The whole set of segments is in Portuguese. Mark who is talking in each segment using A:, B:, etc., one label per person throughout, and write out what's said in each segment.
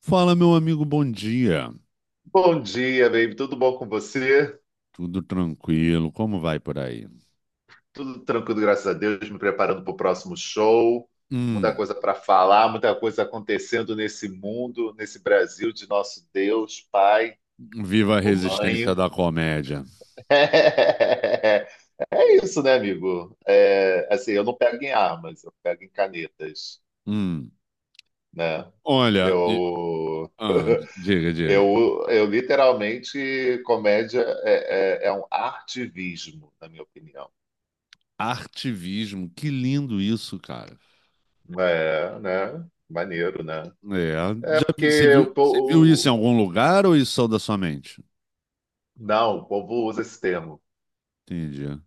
A: Fala, meu amigo, bom dia.
B: Bom dia, baby. Tudo bom com você?
A: Tudo tranquilo? Como vai por aí?
B: Tudo tranquilo, graças a Deus. Me preparando para o próximo show. Muita
A: Hum,
B: coisa para falar, muita coisa acontecendo nesse mundo, nesse Brasil de nosso Deus, Pai
A: Viva a
B: ou
A: resistência
B: Mãe.
A: da comédia.
B: É isso, né, amigo? É, assim, eu não pego em armas, eu pego em canetas,
A: Hum,
B: né?
A: Olha,
B: Eu,
A: ah, diga, diga.
B: eu literalmente, comédia é um artivismo, na minha opinião.
A: Artivismo, que lindo isso, cara.
B: É, né? Maneiro, né?
A: É,
B: É porque o
A: você viu isso em
B: povo.
A: algum lugar ou isso só da sua mente?
B: Não, o povo usa esse termo,
A: Entendi.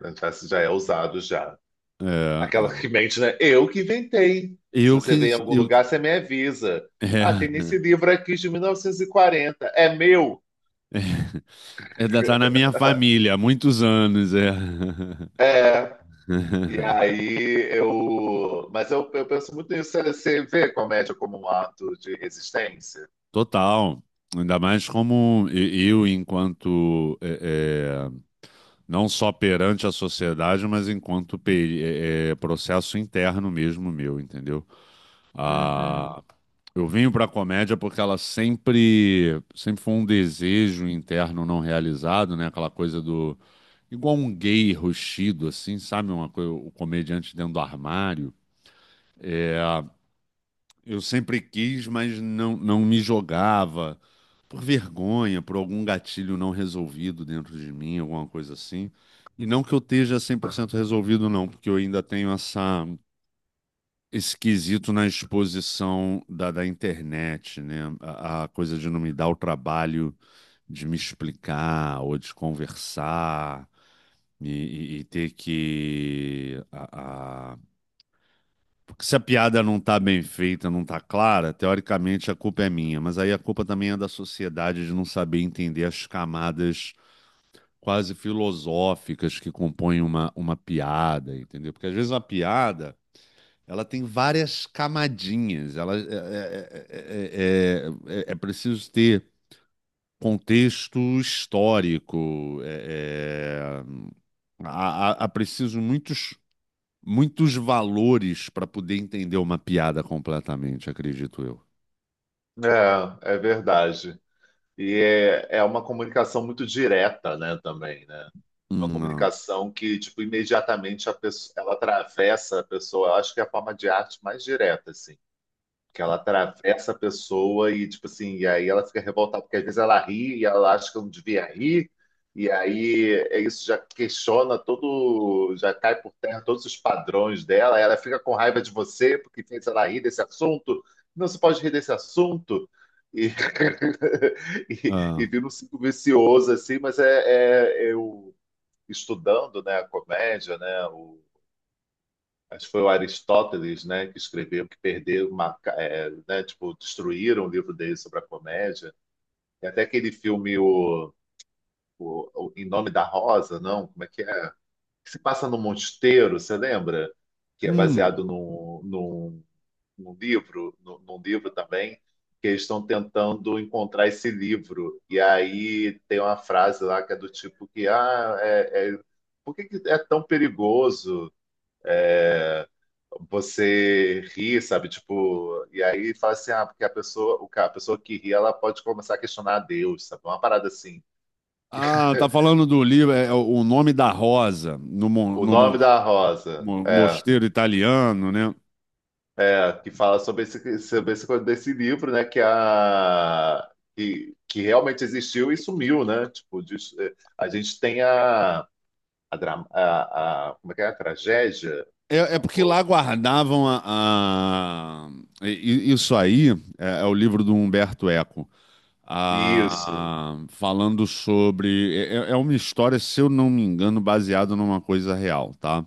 B: né? Já é usado já.
A: É,
B: Aquela que
A: é.
B: mente, né? Eu que inventei. Se
A: Eu que
B: você vem em algum
A: eu
B: lugar, você me avisa. Ah, tem
A: é,
B: esse livro aqui de 1940. É meu?
A: tá na minha família há muitos anos, é.
B: É. E aí eu. Mas eu penso muito nisso. Você vê comédia como um ato de resistência?
A: Total. Ainda mais como eu, enquanto não só perante a sociedade, mas enquanto processo interno mesmo meu, entendeu?
B: Uhum.
A: Ah, eu vim para a comédia porque ela sempre, sempre foi um desejo interno não realizado, né? Aquela coisa do igual um gay roxido, assim, sabe? Uma coisa, o comediante dentro do armário. É, eu sempre quis, mas não, não me jogava por vergonha, por algum gatilho não resolvido dentro de mim, alguma coisa assim. E não que eu esteja 100% resolvido, não, porque eu ainda tenho essa, esse quesito na exposição da, internet, né? A coisa de não me dar o trabalho de me explicar ou de conversar e, e ter que porque se a piada não tá bem feita, não tá clara, teoricamente a culpa é minha, mas aí a culpa também é da sociedade de não saber entender as camadas quase filosóficas que compõem uma, piada, entendeu? Porque às vezes uma piada, ela tem várias camadinhas, ela é, é, é, é- é é, é preciso ter contexto histórico, é, há preciso muitos muitos valores para poder entender uma piada completamente, acredito eu.
B: É, é verdade. E é uma comunicação muito direta, né, também, né? Uma
A: Não.
B: comunicação que, tipo, imediatamente a pessoa, ela atravessa a pessoa. Eu acho que é a forma de arte mais direta, assim que ela atravessa a pessoa e, tipo assim, e aí ela fica revoltada, porque às vezes ela ri e ela acha que eu não devia rir, e aí é isso já questiona todo, já cai por terra todos os padrões dela, ela fica com raiva de você porque fez ela rir desse assunto, não se pode rir desse assunto, e, e
A: Ah.
B: vira um ciclo vicioso, assim, mas é eu estudando, né, a comédia, né, o acho que foi o Aristóteles, né, que escreveu que perderam uma, é, né, tipo, destruíram o livro dele sobre a comédia. E até aquele filme o, o Em Nome da Rosa, não, como é? Que se passa no mosteiro, você lembra? Que é
A: Hum.
B: baseado num, num livro, num livro também, que eles estão tentando encontrar esse livro. E aí tem uma frase lá que é do tipo que, ah, por que que é tão perigoso? É, você ri, sabe? Tipo, e aí fala assim, ah, porque a pessoa, a pessoa que ri, ela pode começar a questionar a Deus, sabe? Uma parada assim.
A: Ah, tá falando do livro, é O Nome da Rosa, no, mon-
B: O
A: no mon-
B: nome da rosa,
A: mo- mosteiro italiano, né?
B: que fala sobre esse desse livro, né? Que a que realmente existiu e sumiu, né? Tipo, a gente tem a, dra- a- como é que é? A tragédia?
A: É, é
B: Não,
A: porque lá
B: pô.
A: guardavam a, a- isso aí é o livro do Humberto Eco,
B: Isso.
A: falando sobre uma história, se eu não me engano, baseada numa coisa real, tá?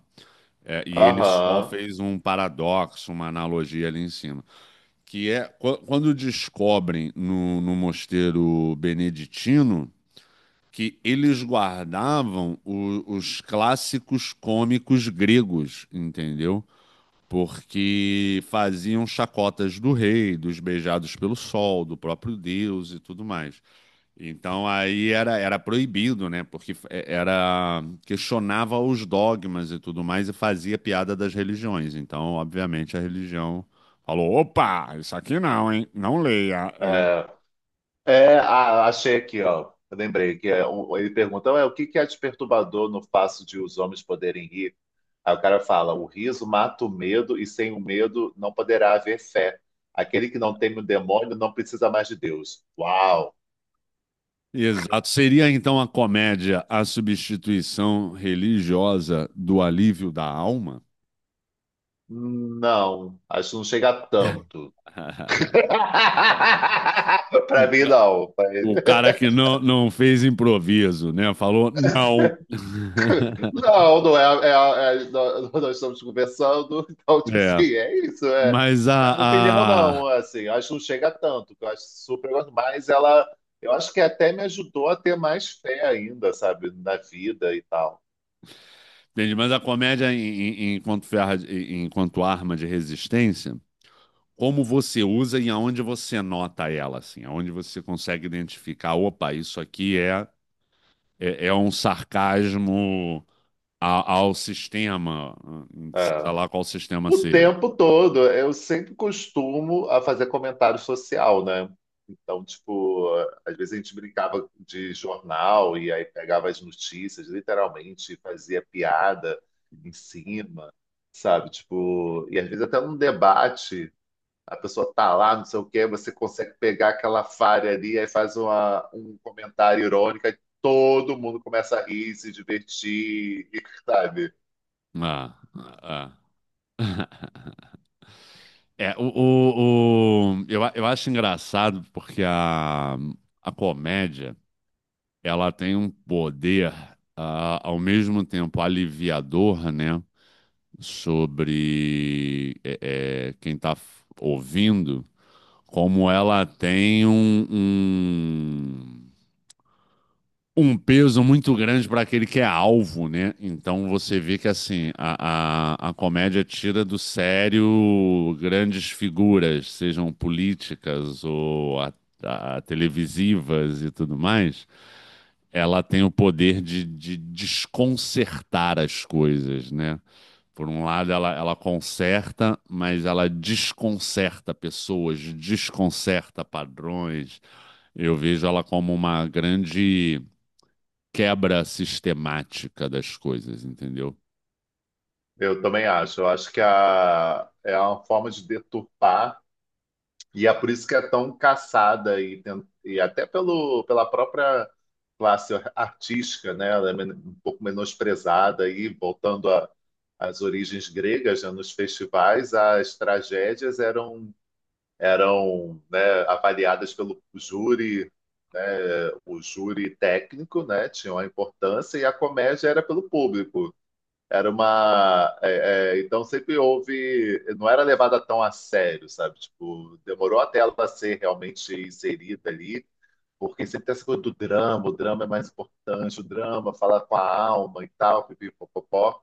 A: É, e ele só
B: Aham.
A: fez um paradoxo, uma analogia ali em cima. Que é quando descobrem no mosteiro beneditino que eles guardavam os clássicos cômicos gregos, entendeu? Porque faziam chacotas do rei, dos beijados pelo sol, do próprio Deus e tudo mais. Então aí era proibido, né? Porque era questionava os dogmas e tudo mais e fazia piada das religiões. Então, obviamente, a religião falou: opa, isso aqui não, hein? Não leia, hein?
B: É. É, ah, achei aqui, ó. Eu lembrei que é ele pergunta, "Ué, o que que é de no fato de os homens poderem rir? Aí o cara fala, o riso mata o medo e sem o medo não poderá haver fé. Aquele que não teme o demônio não precisa mais de Deus. Uau!
A: Exato. Seria então a comédia a substituição religiosa do alívio da alma?
B: Não, acho que não chega a tanto. Para
A: O,
B: mim,
A: ca-
B: não.
A: o cara que não, não fez improviso, né? Falou não.
B: Não, não é, nós estamos conversando, então, tipo
A: É.
B: assim, é isso, é.
A: Mas
B: Na minha opinião,
A: a,
B: não, assim, acho que não chega tanto, que eu acho super, mas ela, eu acho que até me ajudou a ter mais fé ainda, sabe, na vida e tal.
A: entendi, mas a comédia enquanto, ferra, enquanto arma de resistência, como você usa e aonde você nota ela, assim, aonde você consegue identificar, opa, isso aqui é, é um sarcasmo ao sistema, seja
B: É.
A: lá qual sistema
B: O
A: seja.
B: tempo todo, eu sempre costumo a fazer comentário social, né? Então, tipo, às vezes a gente brincava de jornal e aí pegava as notícias, literalmente, e fazia piada em cima, sabe? Tipo, e às vezes até num debate, a pessoa tá lá, não sei o quê, você consegue pegar aquela falha ali, aí faz uma, um comentário irônico, aí todo mundo começa a rir, se divertir, sabe?
A: Ah, ah, ah. É, eu acho engraçado porque a, comédia, ela tem um poder, ao mesmo tempo aliviador, né? Sobre quem está ouvindo, como ela tem um, peso muito grande para aquele que é alvo, né? Então você vê que assim a comédia tira do sério grandes figuras, sejam políticas ou televisivas e tudo mais. Ela tem o poder de desconcertar as coisas, né? Por um lado, ela conserta, mas ela desconcerta pessoas, desconcerta padrões. Eu vejo ela como uma grande quebra sistemática das coisas, entendeu?
B: Eu também acho. Eu acho que a, é uma forma de deturpar, e é por isso que é tão caçada, e até pelo, pela própria classe artística, né? Ela é um pouco menosprezada, e voltando às origens gregas, né? Nos festivais, as tragédias eram, né, avaliadas pelo júri, o júri técnico, né? Tinha uma importância, e a comédia era pelo público. Era uma. Então sempre houve. Não era levada tão a sério, sabe? Tipo, demorou até ela ser realmente inserida ali, porque sempre tem essa coisa do drama, o drama é mais importante, o drama fala com a alma e tal, pipipopopó.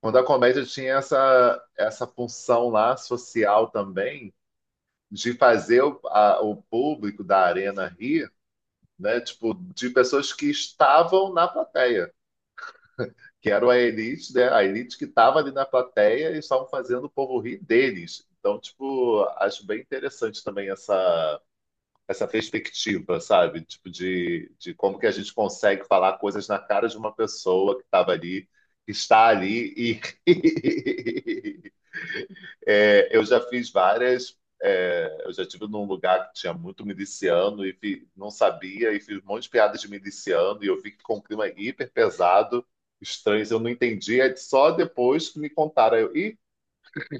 B: Quando a comédia tinha essa, essa função lá social também, de fazer o público da arena rir, né? Tipo, de pessoas que estavam na plateia. Que era a elite, né? A elite que estava ali na plateia e estavam fazendo o povo rir deles. Então, tipo, acho bem interessante também essa perspectiva, sabe? Tipo, de como que a gente consegue falar coisas na cara de uma pessoa que estava ali, que está ali e É, eu já fiz várias. Eu já estive num lugar que tinha muito miliciano não sabia, e fiz um monte de piadas de miliciano, e eu vi que ficou um clima hiper pesado, estranho, eu não entendi. É só depois que me contaram. Aí Ih,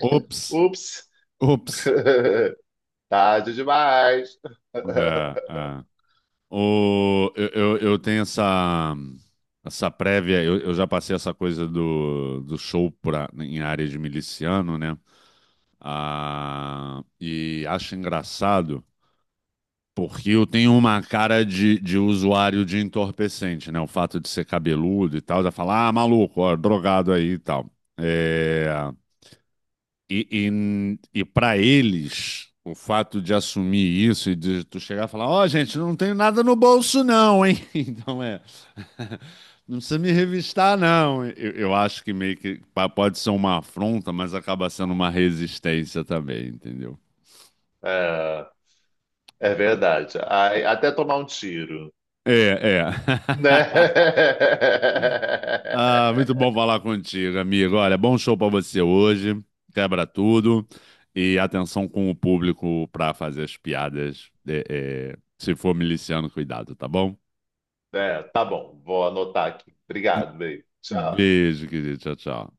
A: Ops,
B: ups,
A: ops.
B: tarde demais.
A: É, é. O, eu tenho essa, prévia, eu já passei essa coisa do show pra, em área de miliciano, né? Ah, e acho engraçado porque eu tenho uma cara de usuário de entorpecente, né? O fato de ser cabeludo e tal, já falar, ah, maluco, ó, drogado aí e tal. É, e e para eles, o fato de assumir isso e de tu chegar e falar, ó, gente, não tenho nada no bolso, não, hein? Então é. Não precisa me revistar, não. Eu acho que meio que pode ser uma afronta, mas acaba sendo uma resistência também, entendeu?
B: É, é verdade. Ai, até tomar um tiro,
A: É, é.
B: né?
A: Ah, muito bom falar contigo, amigo. Olha, bom show pra você hoje. Quebra tudo. E atenção com o público pra fazer as piadas. É, se for miliciano, cuidado, tá bom?
B: É, tá bom, vou anotar aqui. Obrigado, beijo. Tchau.
A: Beijo, querido. Tchau, tchau.